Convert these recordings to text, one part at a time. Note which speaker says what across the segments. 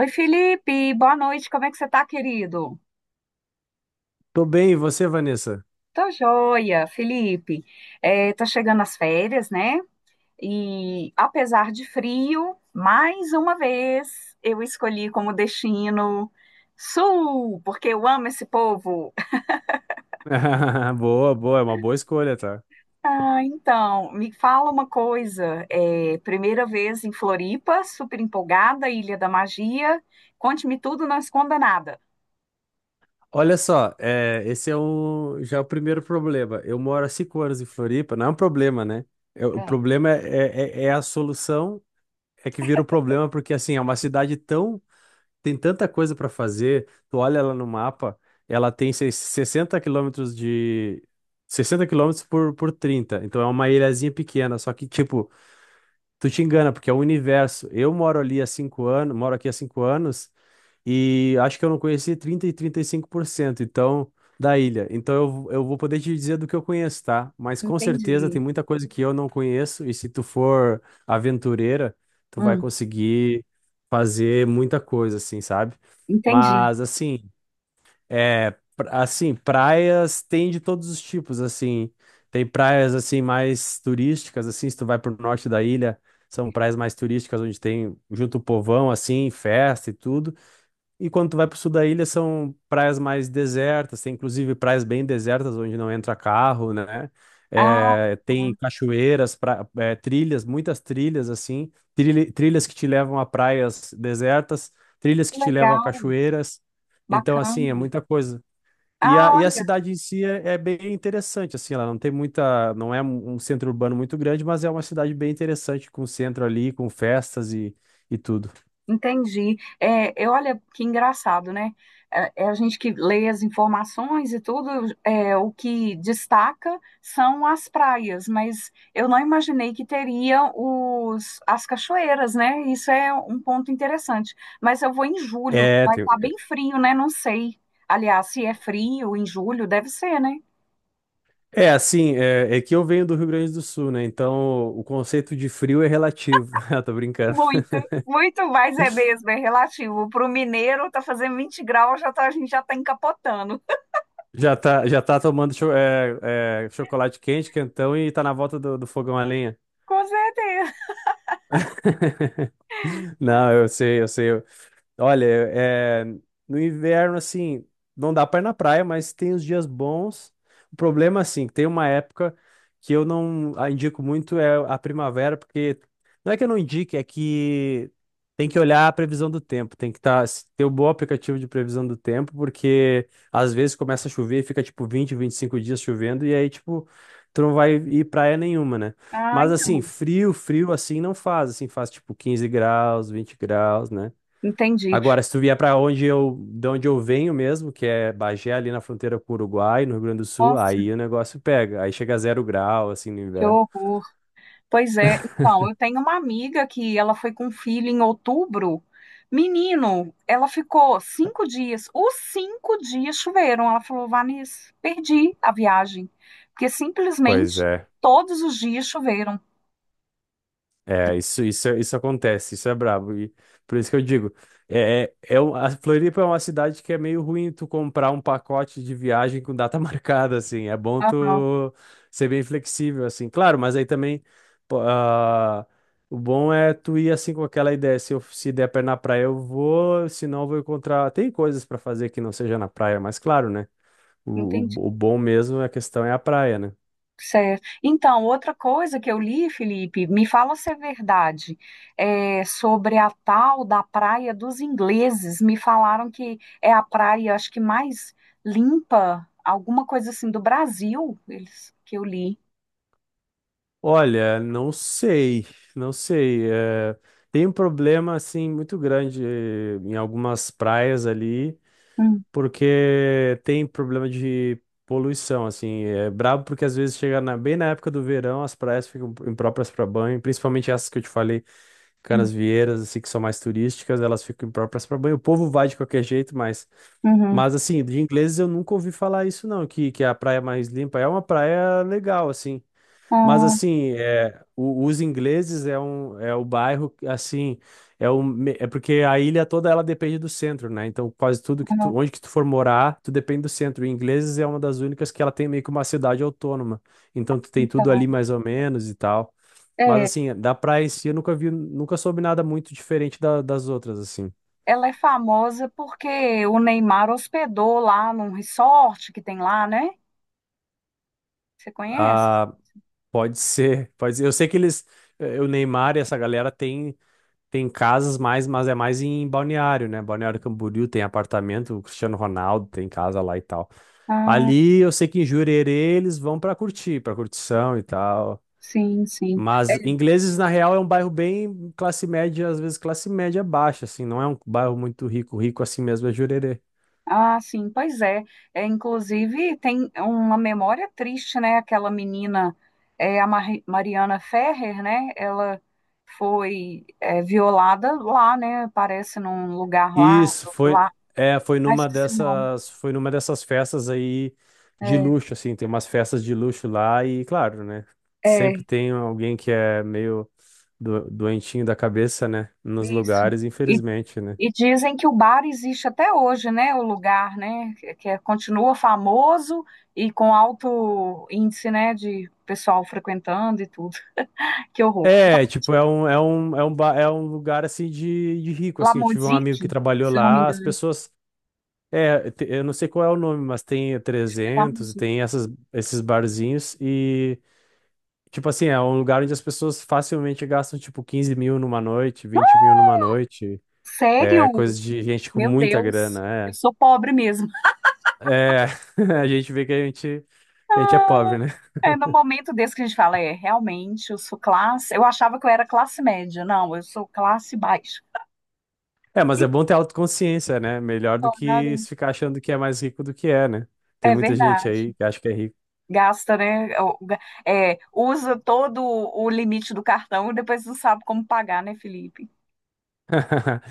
Speaker 1: Oi, Felipe, boa noite, como é que você tá, querido?
Speaker 2: Tô bem, e você, Vanessa?
Speaker 1: Tô joia, Felipe. É, tá chegando as férias, né? E apesar de frio, mais uma vez eu escolhi como destino Sul, porque eu amo esse povo.
Speaker 2: Boa, boa, é uma boa escolha, tá?
Speaker 1: Ah, então, me fala uma coisa. É, primeira vez em Floripa, super empolgada, Ilha da Magia. Conte-me tudo, não esconda nada.
Speaker 2: Olha só, já é o primeiro problema. Eu moro há 5 anos em Floripa, não é um problema, né? O
Speaker 1: É,
Speaker 2: problema é a solução, é que vira o problema, porque assim, é uma cidade tão. Tem tanta coisa para fazer. Tu olha ela no mapa, ela tem 60 quilômetros de. 60 quilômetros por 30. Então é uma ilhazinha pequena, só que, tipo, tu te engana, porque é o universo. Eu moro ali há 5 anos, moro aqui há 5 anos. E acho que eu não conheci 35% então da ilha. Então eu vou poder te dizer do que eu conheço, tá? Mas com certeza tem
Speaker 1: entendi.
Speaker 2: muita coisa que eu não conheço, e se tu for aventureira, tu vai
Speaker 1: Hum,
Speaker 2: conseguir fazer muita coisa assim, sabe?
Speaker 1: entendi.
Speaker 2: Mas assim, assim, praias tem de todos os tipos, assim. Tem praias assim mais turísticas, assim, se tu vai pro norte da ilha, são praias mais turísticas, onde tem junto o povão assim, festa e tudo. E quando tu vai pro sul da ilha, são praias mais desertas, tem inclusive praias bem desertas, onde não entra carro, né?
Speaker 1: Ah.
Speaker 2: É, tem cachoeiras, trilhas, muitas trilhas, assim, trilhas que te levam a praias desertas, trilhas que te levam a
Speaker 1: Legal,
Speaker 2: cachoeiras. Então, assim, é
Speaker 1: bacana.
Speaker 2: muita coisa. E
Speaker 1: Ah,
Speaker 2: a, e a
Speaker 1: olha,
Speaker 2: cidade em si é bem interessante, assim, ela não tem muita, não é um centro urbano muito grande, mas é uma cidade bem interessante, com centro ali, com festas e tudo.
Speaker 1: entendi. É, eu, olha que engraçado, né? É a gente que lê as informações e tudo, o que destaca são as praias, mas eu não imaginei que teria as cachoeiras, né? Isso é um ponto interessante. Mas eu vou em julho,
Speaker 2: É,
Speaker 1: vai
Speaker 2: tem.
Speaker 1: estar bem frio, né? Não sei. Aliás, se é frio em julho, deve ser, né?
Speaker 2: É, assim, é que eu venho do Rio Grande do Sul, né? Então o conceito de frio é relativo. Ah, tô brincando.
Speaker 1: Muito, muito mais é mesmo, é relativo. Para o mineiro, tá fazendo 20 graus, já tá, a gente já tá encapotando.
Speaker 2: Já tá tomando chocolate quente, quentão, e tá na volta do fogão a lenha.
Speaker 1: Com certeza.
Speaker 2: Não,
Speaker 1: Pois.
Speaker 2: eu sei, eu sei. Olha, no inverno, assim, não dá pra ir na praia, mas tem os dias bons. O problema, assim, que tem uma época que eu não indico muito é a primavera, porque não é que eu não indique, é que tem que olhar a previsão do tempo, ter um bom aplicativo de previsão do tempo, porque às vezes começa a chover e fica, tipo, 25 dias chovendo, e aí, tipo, tu não vai ir praia nenhuma, né?
Speaker 1: Ah,
Speaker 2: Mas, assim,
Speaker 1: então,
Speaker 2: frio, frio, assim, não faz, assim, faz, tipo, 15 graus, 20 graus, né?
Speaker 1: entendi.
Speaker 2: Agora, se tu vier para onde de onde eu venho mesmo, que é Bagé, ali na fronteira com o Uruguai, no Rio Grande do Sul,
Speaker 1: Nossa,
Speaker 2: aí o negócio pega. Aí chega a 0 grau, assim, no
Speaker 1: que
Speaker 2: inverno.
Speaker 1: horror. Pois é, então, eu tenho uma amiga que ela foi com um filho em outubro. Menino, ela ficou cinco dias. Os cinco dias choveram. Ela falou, Vanessa, perdi a viagem. Porque
Speaker 2: Pois
Speaker 1: simplesmente
Speaker 2: é.
Speaker 1: todos os dias choveram.
Speaker 2: É, isso acontece, isso é brabo. E por isso que eu digo, a Floripa é uma cidade que é meio ruim tu comprar um pacote de viagem com data marcada, assim. É bom
Speaker 1: Aham,
Speaker 2: tu ser bem flexível, assim. Claro, mas aí também, pô, ah, o bom é tu ir assim com aquela ideia: se der pra ir na praia eu vou, se não eu vou encontrar. Tem coisas pra fazer que não seja na praia, mas claro, né? O, o,
Speaker 1: entendi.
Speaker 2: o bom mesmo, a questão é a praia, né?
Speaker 1: Certo. Então, outra coisa que eu li, Felipe, me fala se é verdade, é, sobre a tal da Praia dos Ingleses. Me falaram que é a praia, acho que mais limpa, alguma coisa assim do Brasil, eles que eu li.
Speaker 2: Olha, não sei, não sei. Tem um problema assim muito grande, em algumas praias ali,
Speaker 1: Hum,
Speaker 2: porque tem problema de poluição, assim. É brabo porque às vezes chega bem na época do verão, as praias ficam impróprias para banho, principalmente essas que eu te falei.
Speaker 1: hum,
Speaker 2: Canasvieiras, assim, que são mais turísticas, elas ficam impróprias para banho. O povo vai de qualquer jeito, mas,
Speaker 1: uhum.
Speaker 2: mas assim, de Ingleses eu nunca ouvi falar isso não, que é a praia mais limpa; é uma praia legal, assim. Mas
Speaker 1: Ah,
Speaker 2: assim, os Ingleses é é o bairro que, assim, é porque a ilha toda ela depende do centro, né? Então quase tudo
Speaker 1: ah,
Speaker 2: onde que tu for morar, tu depende do centro. E Ingleses é uma das únicas que ela tem meio que uma cidade autônoma. Então tu tem tudo
Speaker 1: então,
Speaker 2: ali mais ou menos e tal. Mas
Speaker 1: é,
Speaker 2: assim, da praia em si eu nunca vi, nunca soube nada muito diferente das outras assim.
Speaker 1: ela é famosa porque o Neymar hospedou lá num resort que tem lá, né? Você conhece?
Speaker 2: Ah, pode ser, pode ser. Eu sei que eles, o Neymar e essa galera, tem. Tem casas mais, mas é mais em Balneário, né? Balneário Camboriú tem apartamento, o Cristiano Ronaldo tem casa lá e tal.
Speaker 1: Ah,
Speaker 2: Ali eu sei que em Jurerê eles vão pra curtição e tal.
Speaker 1: sim, sim.
Speaker 2: Mas Ingleses, na real, é um bairro bem classe média, às vezes classe média baixa, assim, não é um bairro muito rico; rico assim mesmo é Jurerê.
Speaker 1: Ah, sim, pois é. É, inclusive, tem uma memória triste, né? Aquela menina, a Mariana Ferrer, né? Ela foi, violada lá, né? Parece num lugar lá,
Speaker 2: Isso foi,
Speaker 1: lá.
Speaker 2: foi
Speaker 1: Ah,
Speaker 2: numa
Speaker 1: esqueci o nome.
Speaker 2: dessas, festas aí de
Speaker 1: É,
Speaker 2: luxo, assim, tem umas festas de luxo lá e, claro, né? Sempre
Speaker 1: é
Speaker 2: tem alguém que é meio doentinho da cabeça, né? Nos
Speaker 1: isso.
Speaker 2: lugares,
Speaker 1: E,
Speaker 2: infelizmente, né?
Speaker 1: e dizem que o bar existe até hoje, né? O lugar, né? Continua famoso e com alto índice, né? De pessoal frequentando e tudo. Que horror.
Speaker 2: É, tipo, é um lugar, assim, de rico, assim. Eu tive um amigo
Speaker 1: Lamozique,
Speaker 2: que trabalhou
Speaker 1: se eu não me...
Speaker 2: lá, as pessoas, eu não sei qual é o nome, mas tem 300.
Speaker 1: Nossa,
Speaker 2: Tem esses barzinhos. Tipo assim, é um lugar onde as pessoas facilmente gastam, tipo, 15 mil numa noite, 20 mil numa noite.
Speaker 1: sério?
Speaker 2: É coisa de gente com
Speaker 1: Meu
Speaker 2: muita
Speaker 1: Deus, eu
Speaker 2: grana,
Speaker 1: sou pobre mesmo.
Speaker 2: é. É, a gente vê que que a gente é
Speaker 1: Ah,
Speaker 2: pobre, né?
Speaker 1: é no momento desse que a gente fala, é, realmente, eu sou classe. Eu achava que eu era classe média. Não, eu sou classe baixa.
Speaker 2: É, mas
Speaker 1: E
Speaker 2: é bom ter autoconsciência, né? Melhor do que
Speaker 1: claro,
Speaker 2: se ficar achando que é mais rico do que é, né? Tem
Speaker 1: é
Speaker 2: muita gente
Speaker 1: verdade.
Speaker 2: aí que acha que é rico.
Speaker 1: Gasta, né? o- ga- é, Usa todo o limite do cartão e depois não sabe como pagar, né, Felipe?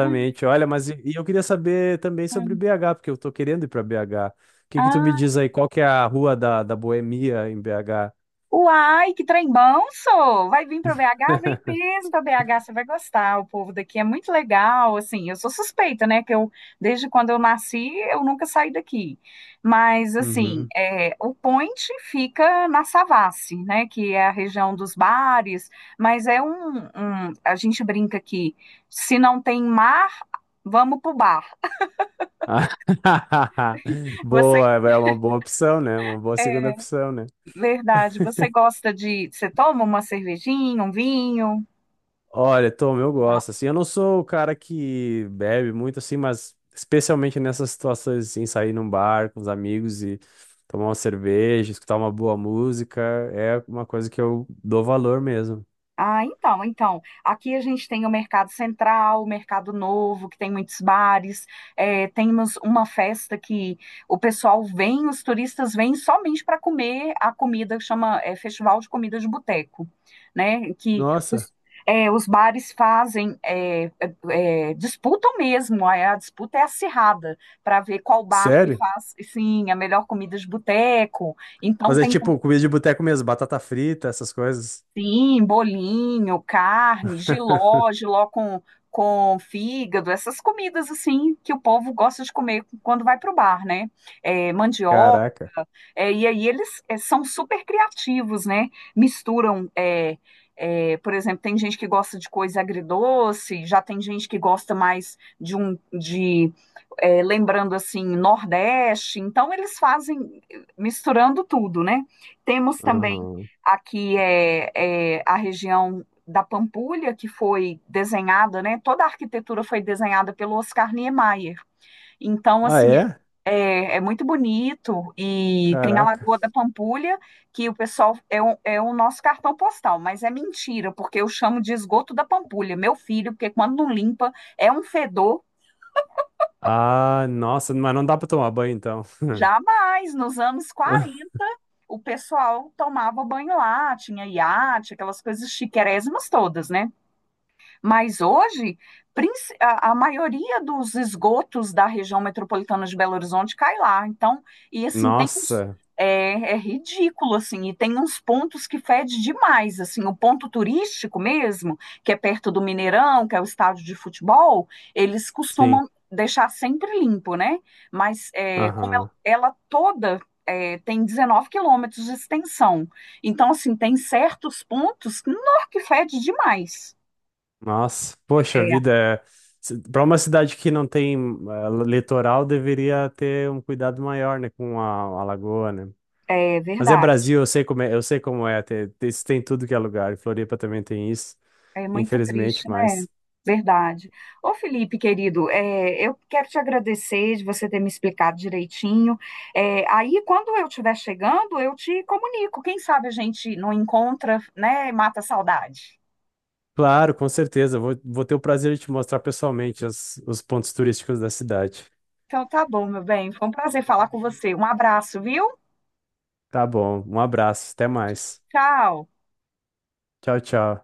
Speaker 1: Hum.
Speaker 2: Olha, mas e eu queria saber também sobre
Speaker 1: Hum.
Speaker 2: BH, porque eu tô querendo ir para BH. O que que tu me
Speaker 1: Ah,
Speaker 2: diz aí? Qual que é a rua da, Boemia em BH?
Speaker 1: uai, que trem bom, sou! Vai vir para BH? Vem mesmo para BH, você vai gostar. O povo daqui é muito legal, assim, eu sou suspeita, né, que eu, desde quando eu nasci, eu nunca saí daqui. Mas, assim,
Speaker 2: Uhum.
Speaker 1: o Point fica na Savassi, né, que é a região dos bares, mas é a gente brinca que se não tem mar, vamos pro bar. Você,
Speaker 2: Boa, é uma boa opção, né? Uma boa segunda
Speaker 1: é
Speaker 2: opção, né?
Speaker 1: verdade, você gosta de, você toma uma cervejinha, um vinho?
Speaker 2: Olha, Tom, eu gosto, assim. Eu não sou o cara que bebe muito, assim, mas especialmente nessas situações, assim, sair num bar com os amigos e tomar uma cerveja, escutar uma boa música, é uma coisa que eu dou valor mesmo.
Speaker 1: Ah, então, então, aqui a gente tem o Mercado Central, o Mercado Novo, que tem muitos bares, temos uma festa que o pessoal vem, os turistas vêm somente para comer a comida, que chama, é, Festival de Comida de Boteco, né?
Speaker 2: Nossa,
Speaker 1: Os bares fazem, disputam mesmo, a disputa é acirrada, para ver qual bar que
Speaker 2: sério?
Speaker 1: faz, sim, a melhor comida de boteco, então
Speaker 2: Mas é
Speaker 1: tem.
Speaker 2: tipo comida de boteco mesmo, batata frita, essas coisas.
Speaker 1: Sim, bolinho, carne, jiló, com fígado, essas comidas assim que o povo gosta de comer quando vai para o bar, né? É,
Speaker 2: Caraca.
Speaker 1: e aí eles são super criativos, né? Misturam, por exemplo, tem gente que gosta de coisa agridoce, já tem gente que gosta mais de lembrando assim Nordeste. Então eles fazem misturando tudo, né? Temos também
Speaker 2: Aham.
Speaker 1: aqui a região da Pampulha que foi desenhada, né? Toda a arquitetura foi desenhada pelo Oscar Niemeyer. Então,
Speaker 2: Ah,
Speaker 1: assim,
Speaker 2: é?
Speaker 1: é muito bonito e tem a
Speaker 2: Caraca.
Speaker 1: Lagoa da Pampulha, que o pessoal é o, é o nosso cartão postal, mas é mentira, porque eu chamo de esgoto da Pampulha, meu filho, porque quando não limpa é um fedor.
Speaker 2: Ah, nossa, mas não dá pra tomar banho então.
Speaker 1: Jamais, nos anos 40, o pessoal tomava banho lá, tinha iate, aquelas coisas chiquérrimas todas, né? Mas hoje, a maioria dos esgotos da região metropolitana de Belo Horizonte cai lá. Então, e assim,
Speaker 2: Nossa,
Speaker 1: é ridículo, assim, e tem uns pontos que fede demais, assim, o ponto turístico mesmo, que é perto do Mineirão, que é o estádio de futebol, eles
Speaker 2: sim.
Speaker 1: costumam deixar sempre limpo, né? Mas é, como ela,
Speaker 2: Aham.
Speaker 1: ela toda tem 19 quilômetros de extensão, então, assim, tem certos pontos que, nó, que fede demais.
Speaker 2: Nossa, poxa vida. Uma cidade que não tem litoral deveria ter um cuidado maior, né, com a lagoa, né?
Speaker 1: É
Speaker 2: Mas é
Speaker 1: verdade.
Speaker 2: Brasil, eu sei como é, eu sei como é, isso tem em tudo que é lugar. E Floripa também tem isso,
Speaker 1: É muito triste,
Speaker 2: infelizmente,
Speaker 1: né?
Speaker 2: mas
Speaker 1: Verdade. Ô, Felipe, querido, eu quero te agradecer de você ter me explicado direitinho. É, aí, quando eu estiver chegando, eu te comunico. Quem sabe a gente não encontra, né? E mata a saudade.
Speaker 2: claro, com certeza vou ter o prazer de te mostrar pessoalmente os pontos turísticos da cidade.
Speaker 1: Então, tá bom, meu bem. Foi um prazer falar com você. Um abraço, viu?
Speaker 2: Tá bom, um abraço, até mais.
Speaker 1: Tchau.
Speaker 2: Tchau, tchau.